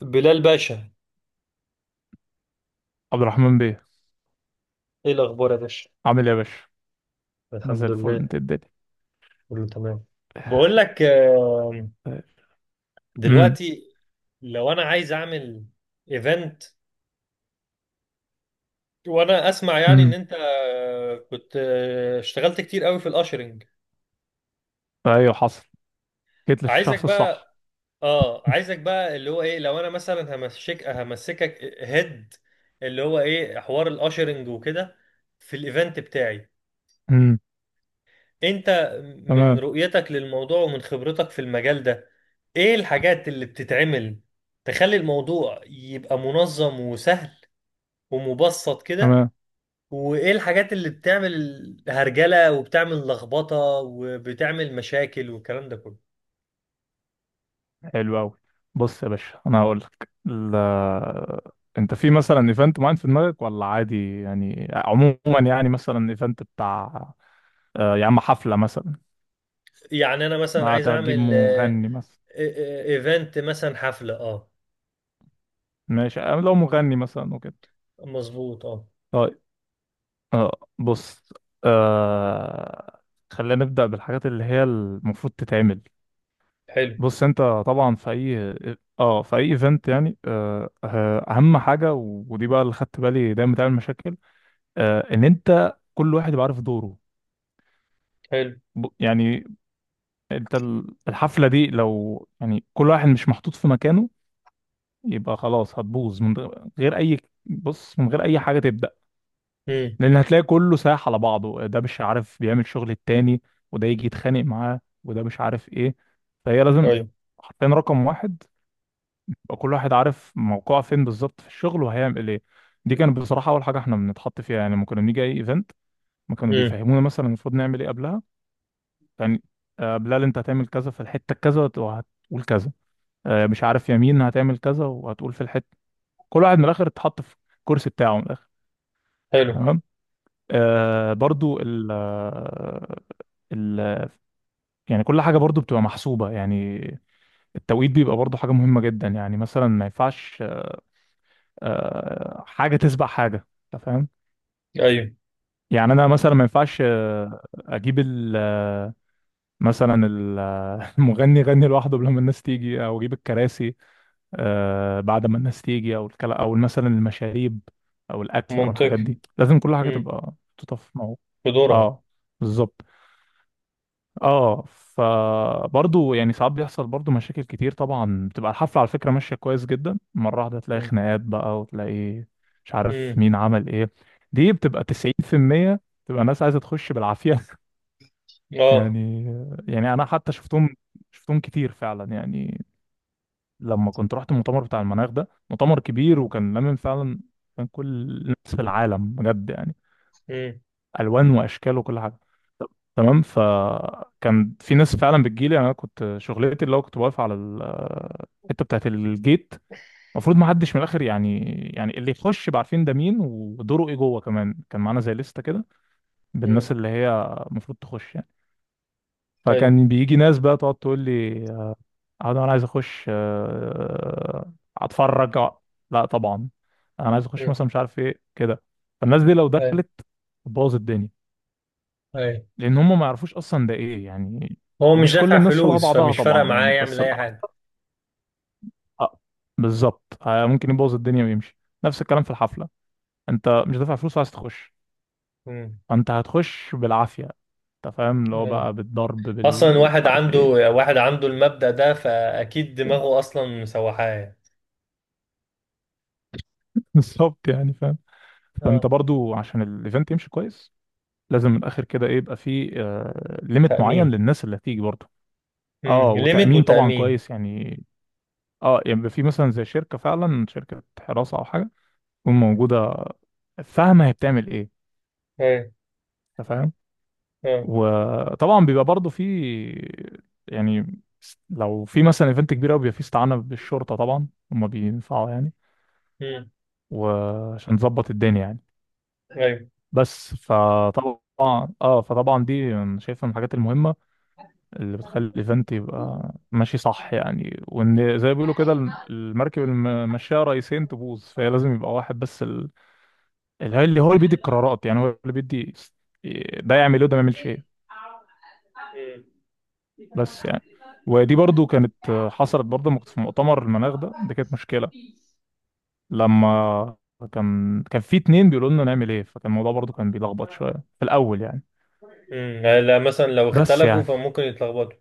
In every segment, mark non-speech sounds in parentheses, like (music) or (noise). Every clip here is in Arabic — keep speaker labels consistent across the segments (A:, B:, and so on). A: بلال باشا.
B: عبد الرحمن بيه.
A: ايه الاخبار يا باشا؟
B: عامل ايه يا باشا؟ ما زي
A: الحمد
B: الفل،
A: لله،
B: انت إيه الدنيا؟
A: كله تمام. بقول لك،
B: امم.
A: دلوقتي لو انا عايز اعمل ايفنت، وانا اسمع يعني ان
B: امم.
A: انت كنت اشتغلت كتير قوي في الاشرنج.
B: ايوه حصل، جيت
A: عايزك
B: للشخص الصح.
A: بقى اه عايزك بقى اللي هو ايه، لو انا مثلا همسكك هيد اللي هو ايه حوار الاشرنج وكده في الايفنت بتاعي.
B: امم.
A: انت من
B: تمام.
A: رؤيتك للموضوع ومن خبرتك في المجال ده، ايه الحاجات اللي بتتعمل تخلي الموضوع يبقى منظم وسهل ومبسط كده،
B: تمام.
A: وايه الحاجات اللي بتعمل هرجلة وبتعمل لخبطة وبتعمل مشاكل والكلام ده كله؟
B: حلو قوي. بص يا باشا انا هقول لك لا. انت في مثلا ايفنت معين في دماغك ولا عادي؟ يعني عموما يعني مثلا ايفنت بتاع آه يا عم حفله مثلا؟
A: يعني انا مثلا عايز
B: هتجيب
A: اعمل آه،
B: مغني مثلا؟
A: ايفنت مثلا حفلة. اه
B: ماشي، لو مغني مثلا وكده.
A: مظبوط، اه.
B: طيب. آه. بص. آه. خلينا نبدأ بالحاجات اللي هي المفروض تتعمل.
A: حلو.
B: بص انت، طبعا في اي ايفنت يعني اهم حاجه، ودي بقى اللي خدت بالي دايما بتعمل مشاكل، ان انت كل واحد يبقى عارف دوره.
A: حلو.
B: يعني انت الحفله دي لو يعني كل واحد مش محطوط في مكانه يبقى خلاص هتبوظ من غير اي. بص، من غير اي حاجه تبدا.
A: امم.
B: لان هتلاقي كله سايح على بعضه، ده مش عارف بيعمل شغل التاني، وده يجي يتخانق معاه، وده مش عارف ايه. فهي لازم
A: ايوه.
B: حرفيا رقم واحد يبقى كل واحد عارف موقعه فين بالظبط في الشغل وهيعمل ايه. دي كانت بصراحه اول حاجه احنا بنتحط فيها يعني، لما كنا بنيجي اي ايفنت ما كانوا
A: امم.
B: بيفهمونا مثلا المفروض نعمل ايه قبلها. يعني بلال انت هتعمل كذا في الحته كذا وهتقول كذا، مش عارف يمين هتعمل كذا وهتقول في الحته. كل واحد من الاخر اتحط في الكرسي بتاعه من الاخر.
A: حلو.
B: تمام. آه برضو ال آه، ال يعني كل حاجه برضو بتبقى محسوبه يعني. التوقيت بيبقى برضو حاجه مهمه جدا، يعني مثلا ما ينفعش حاجه تسبق حاجه. أنت فاهم؟
A: ايوه.
B: يعني انا مثلا ما ينفعش اجيب (laughs) مثلا (laughs) المغني يغني لوحده قبل ما الناس تيجي، او اجيب الكراسي بعد ما الناس تيجي، او الكلا او مثلا المشاريب او الاكل او الحاجات
A: منطقي.
B: دي. لازم كل حاجه
A: امم.
B: تبقى محطوطه في مو.
A: بدورها.
B: اه بالظبط. اه فبرضه يعني ساعات بيحصل برضه مشاكل كتير طبعا. بتبقى الحفله على فكره ماشيه كويس جدا، مره واحده تلاقي خناقات بقى، وتلاقي مش عارف
A: امم.
B: مين عمل ايه. دي بتبقى 90%. تبقى الناس عايزه تخش بالعافيه
A: اه.
B: يعني. يعني انا حتى شفتهم كتير فعلا يعني، لما كنت رحت المؤتمر بتاع المناخ ده. مؤتمر كبير
A: مم.
B: وكان لامم فعلا. كان كل الناس في العالم بجد يعني.
A: مم.
B: الوان واشكال وكل حاجه. تمام. فكان في ناس فعلا بتجيلي. يعني انا كنت شغلتي اللي هو كنت واقف على الحته بتاعت الجيت، المفروض ما حدش من الاخر يعني. يعني اللي يخش يبقى عارفين ده مين ودوره ايه جوه. كمان كان معانا زي لستة كده
A: مم.
B: بالناس اللي هي المفروض تخش يعني.
A: ايوه.
B: فكان بيجي ناس بقى تقعد تقول لي: اه، ده انا عايز اخش، اتفرج آه. لا طبعا. انا عايز اخش
A: مم.
B: مثلا مش عارف ايه كده. فالناس دي لو
A: ايوه.
B: دخلت تبوظ الدنيا،
A: ايوه،
B: لان هم ما يعرفوش اصلا ده ايه يعني.
A: هو مش
B: ومش كل
A: دافع
B: الناس شبه
A: فلوس
B: بعضها
A: فمش فارق
B: طبعا
A: معاه
B: يعني،
A: يعمل
B: بس
A: اي حاجه.
B: الاكتر آه، بالظبط ممكن يبوظ الدنيا ويمشي. نفس الكلام في الحفله، انت مش دافع فلوس وعايز تخش،
A: مم.
B: فانت هتخش بالعافيه. انت فاهم، اللي هو
A: ايوه،
B: بقى بالضرب
A: اصلا
B: بالمش
A: واحد
B: عارف
A: عنده
B: ايه.
A: واحد عنده المبدأ ده فاكيد دماغه
B: (laughs)
A: اصلا مسوحاه يعني.
B: بالظبط يعني فاهم. فانت
A: اه.
B: برضو عشان الايفنت يمشي كويس لازم من الاخر كده ايه، يبقى في ليميت معين
A: تأمين.
B: للناس اللي هتيجي برضه. اه،
A: امم، ليميت
B: وتامين طبعا
A: وتأمين.
B: كويس يعني. اه، يعني يبقى في مثلا زي شركه، فعلا شركه حراسه او حاجه تكون موجوده فاهمه هي بتعمل ايه.
A: ايوه.
B: انت فاهم؟
A: اه.
B: وطبعا بيبقى برضه في، يعني لو في مثلا ايفنت كبير قوي بيبقى في استعانه بالشرطه، طبعا هم بينفعوا يعني
A: امم.
B: وعشان نظبط الدنيا يعني.
A: ايوه.
B: بس فطبعا، اه فطبعا دي أنا شايفها من الحاجات المهمه اللي بتخلي فانت يبقى ماشي صح يعني. وان زي ما بيقولوا كده، المركب اللي ماشيه رئيسين تبوظ. فهي لازم يبقى واحد بس، اللي هو اللي بيدي القرارات. يعني هو اللي بيدي ده يعمل ايه وده ما يعملش ايه.
A: امم.
B: بس يعني ودي برضو كانت حصلت برضو لما كنت في مؤتمر المناخ ده. دي كانت مشكله لما كان في اتنين بيقولوا لنا نعمل ايه، فكان الموضوع برضو كان بيلخبط شويه في الاول يعني.
A: امم، لا مثلا لو
B: بس
A: اختلفوا
B: يعني،
A: فممكن يتلخبطوا.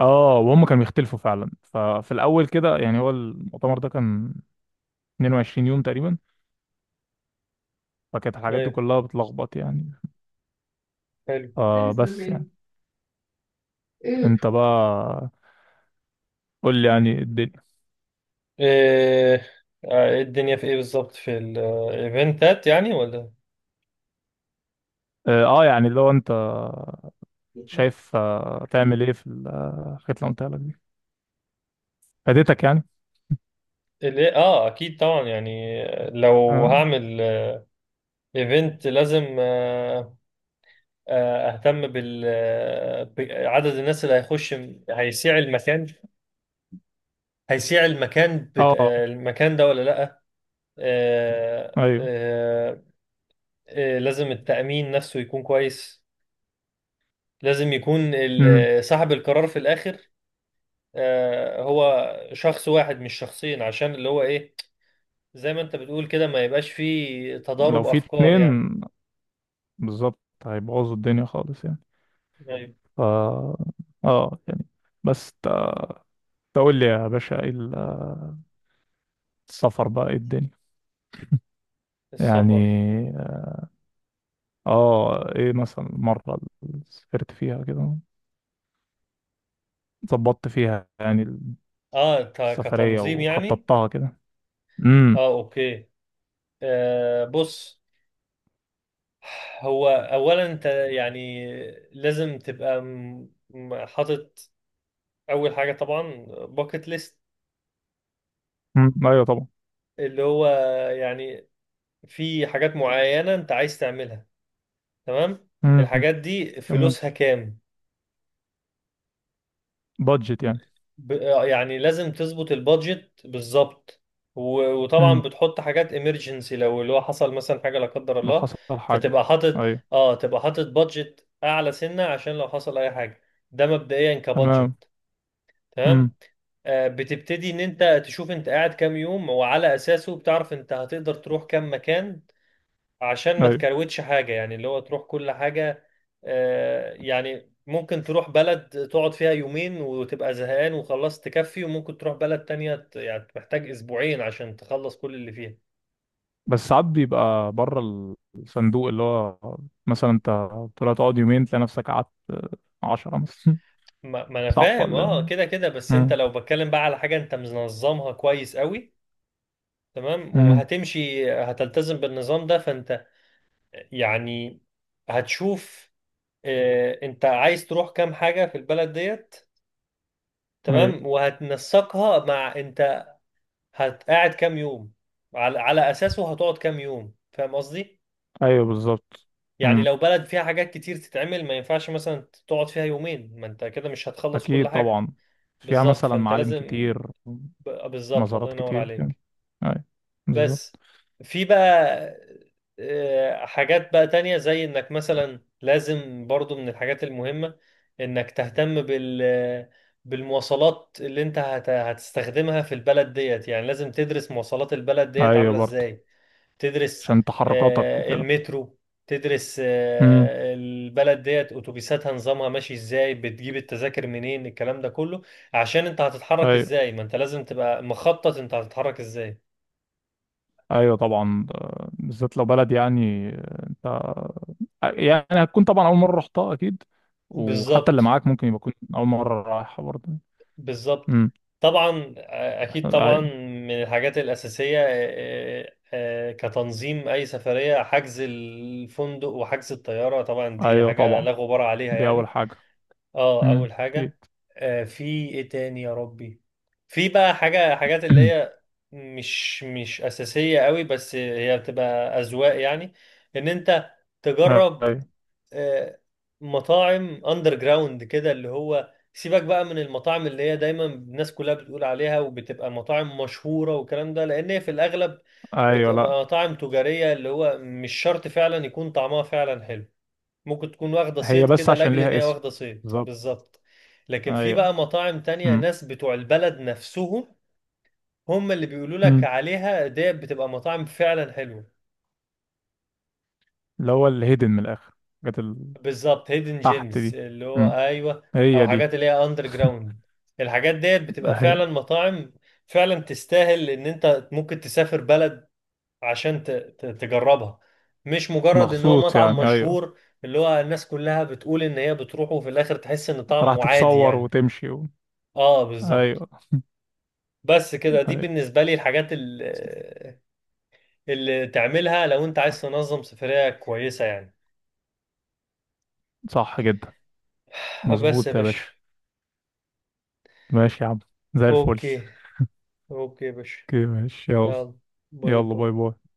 B: اه وهم كانوا بيختلفوا فعلا. ففي الاول كده يعني، هو المؤتمر ده كان 22 يوم تقريبا، فكانت الحاجات دي
A: ايوه.
B: كلها بتلخبط يعني.
A: حلو.
B: فبس يعني، انت بقى قول لي يعني الدنيا.
A: إيه إيه الدنيا في ايه بالظبط في الايفنتات يعني ولا؟
B: اه يعني لو انت شايف تعمل ايه في الحاجات اللي قلتها لك دي، فادتك يعني؟
A: ليه؟ اه، اكيد طبعا يعني. لو
B: اه
A: هعمل ايفنت لازم اهتم بال آه، بعدد الناس اللي هيخش، هيسيع المكان هيسيع المكان بت...
B: آه،
A: آه، المكان ده ولا لا. آه،
B: ايوه.
A: آه، لازم التأمين نفسه يكون كويس. لازم يكون
B: امم.
A: صاحب القرار في الاخر، هو شخص واحد مش شخصين، عشان اللي هو ايه، زي ما انت بتقول كده، ما يبقاش فيه
B: لو
A: تضارب
B: في
A: افكار يعني.
B: اتنين بالظبط هيبوظوا الدنيا خالص يعني.
A: طيب.
B: ف اه يعني بس تا- تقول لي يا باشا، ايه السفر بقى؟ ايه الدنيا يعني؟
A: السفر.
B: اه ايه مثلا المرة اللي سافرت فيها كده ظبطت فيها يعني
A: اه،
B: السفرية
A: كتنظيم يعني.
B: وخططتها كده؟ امم.
A: اه، اوكي. آه، بص. هو اولا انت يعني لازم تبقى حاطط اول حاجه طبعا باكت ليست،
B: أمم، ايوه طبعا.
A: اللي هو يعني في حاجات معينه انت عايز تعملها. تمام.
B: امم.
A: الحاجات دي
B: تمام،
A: فلوسها كام؟
B: بادجت
A: ب...
B: يعني.
A: ب... آه، يعني لازم تظبط البادجت بالظبط. و... وطبعا
B: امم.
A: بتحط حاجات امرجنسي لو اللي هو حصل مثلا حاجه لا قدر
B: لو
A: الله،
B: حصل حاجة.
A: فتبقى حاطط
B: ايوه.
A: اه تبقى حاطط بادجت اعلى سنه عشان لو حصل اي حاجه. ده مبدئيا
B: تمام.
A: كبادجت.
B: امم.
A: تمام. بتبتدي ان انت تشوف انت قاعد كام يوم، وعلى اساسه بتعرف انت هتقدر تروح كام مكان، عشان ما
B: ايوه.
A: تكروتش حاجة، يعني اللي هو تروح كل حاجة. يعني ممكن تروح بلد تقعد فيها يومين وتبقى زهقان وخلاص تكفي، وممكن تروح بلد تانية يعني محتاج أسبوعين عشان تخلص كل اللي فيها.
B: بس ساعات بيبقى بره الصندوق، اللي هو مثلا انت طلعت تقعد يومين تلاقي نفسك قعدت 10 مثلا.
A: ما أنا
B: صح
A: فاهم،
B: ولا
A: أه،
B: إيه؟
A: كده كده، بس أنت
B: امم.
A: لو بتكلم بقى على حاجة أنت منظمها كويس قوي. تمام،
B: امم.
A: وهتمشي هتلتزم بالنظام ده، فأنت يعني هتشوف أنت عايز تروح كام حاجة في البلد ديت،
B: ايوه.
A: تمام، وهتنسقها مع هتقعد كام يوم، على اساسه هتقعد كام يوم، فاهم قصدي؟
B: ايوه بالظبط.
A: يعني
B: امم
A: لو بلد فيها حاجات كتير تتعمل ما ينفعش مثلا تقعد فيها يومين، ما انت كده مش هتخلص كل
B: اكيد
A: حاجة.
B: طبعا. فيها
A: بالظبط،
B: مثلا
A: فانت
B: معالم
A: لازم
B: كتير،
A: بالظبط الله
B: مزارات
A: ينور
B: كتير كده.
A: عليك.
B: ايوه
A: بس
B: بالظبط.
A: في بقى حاجات بقى تانية، زي انك مثلا لازم برضو من الحاجات المهمة انك تهتم بالمواصلات اللي انت هتستخدمها في البلد ديت، يعني لازم تدرس مواصلات البلد ديت
B: ايوه
A: عاملة
B: برضه،
A: ازاي، تدرس
B: عشان تحركاتك وكده.
A: المترو، تدرس
B: امم.
A: البلد ديت اتوبيساتها نظامها ماشي ازاي، بتجيب التذاكر منين، الكلام ده كله، عشان انت هتتحرك
B: ايوه.
A: ازاي، ما انت لازم تبقى مخطط انت هتتحرك ازاي.
B: ايوه طبعا بالذات لو بلد يعني آه، انت يعني هتكون طبعا اول مره رحتها اكيد، وحتى اللي
A: بالظبط.
B: معاك ممكن يبقى يكون اول مره رايحه برضه.
A: بالظبط.
B: امم.
A: طبعا اكيد طبعا
B: ايوه.
A: من الحاجات الاساسيه كتنظيم اي سفريه، حجز الفندق وحجز الطياره، طبعا دي
B: ايوه
A: حاجه لا
B: طبعا،
A: غبار عليها
B: دي اول
A: يعني.
B: حاجه.
A: اه، اول
B: اكيد.
A: حاجه. في ايه تاني يا ربي؟ في بقى حاجات اللي
B: (clears throat)
A: هي مش اساسيه قوي، بس هي بتبقى اذواق يعني، ان انت تجرب
B: ايوه.
A: آه مطاعم اندر جراوند كده، اللي هو سيبك بقى من المطاعم اللي هي دايما الناس كلها بتقول عليها وبتبقى مطاعم مشهوره والكلام ده، لان هي في الاغلب
B: ايوه لا،
A: بتبقى مطاعم تجاريه، اللي هو مش شرط فعلا يكون طعمها فعلا حلو، ممكن تكون واخدة
B: هي
A: صيت
B: بس
A: كده
B: عشان
A: لاجل ان
B: ليها
A: هي
B: اسم.
A: واخدة صيت
B: بالظبط.
A: بالظبط. لكن في
B: ايوه.
A: بقى مطاعم تانية
B: امم.
A: ناس بتوع البلد نفسهم هم اللي بيقولوا لك
B: امم.
A: عليها، ديت بتبقى مطاعم فعلا حلوة.
B: اللي هو الهيدن من الاخر، الحاجات اللي
A: بالظبط، هيدن
B: تحت
A: جيمز،
B: دي.
A: اللي هو
B: امم.
A: ايوه. او
B: هي دي.
A: حاجات اللي هي اندر جراوند، الحاجات ديت بتبقى فعلا
B: ايوه،
A: مطاعم فعلا تستاهل ان انت ممكن تسافر بلد عشان تجربها، مش مجرد ان هو
B: مخصوص
A: مطعم
B: يعني. ايوه.
A: مشهور اللي هو الناس كلها بتقول ان هي بتروحه وفي الاخر تحس ان
B: راح
A: طعمه عادي
B: تتصور
A: يعني.
B: وتمشي و...
A: اه، بالظبط.
B: ايوه.
A: بس كده، دي
B: ايوه.
A: بالنسبة لي الحاجات اللي تعملها لو انت عايز تنظم سفرية كويسة يعني.
B: صح جدا.
A: (sighs) بس يا
B: مظبوط يا
A: باشا.
B: باشا. ماشي يا عم، زي الفل.
A: اوكي. اوكي يا باشا.
B: كده ماشي، يلا.
A: يلا. باي
B: يلا
A: باي.
B: باي باي.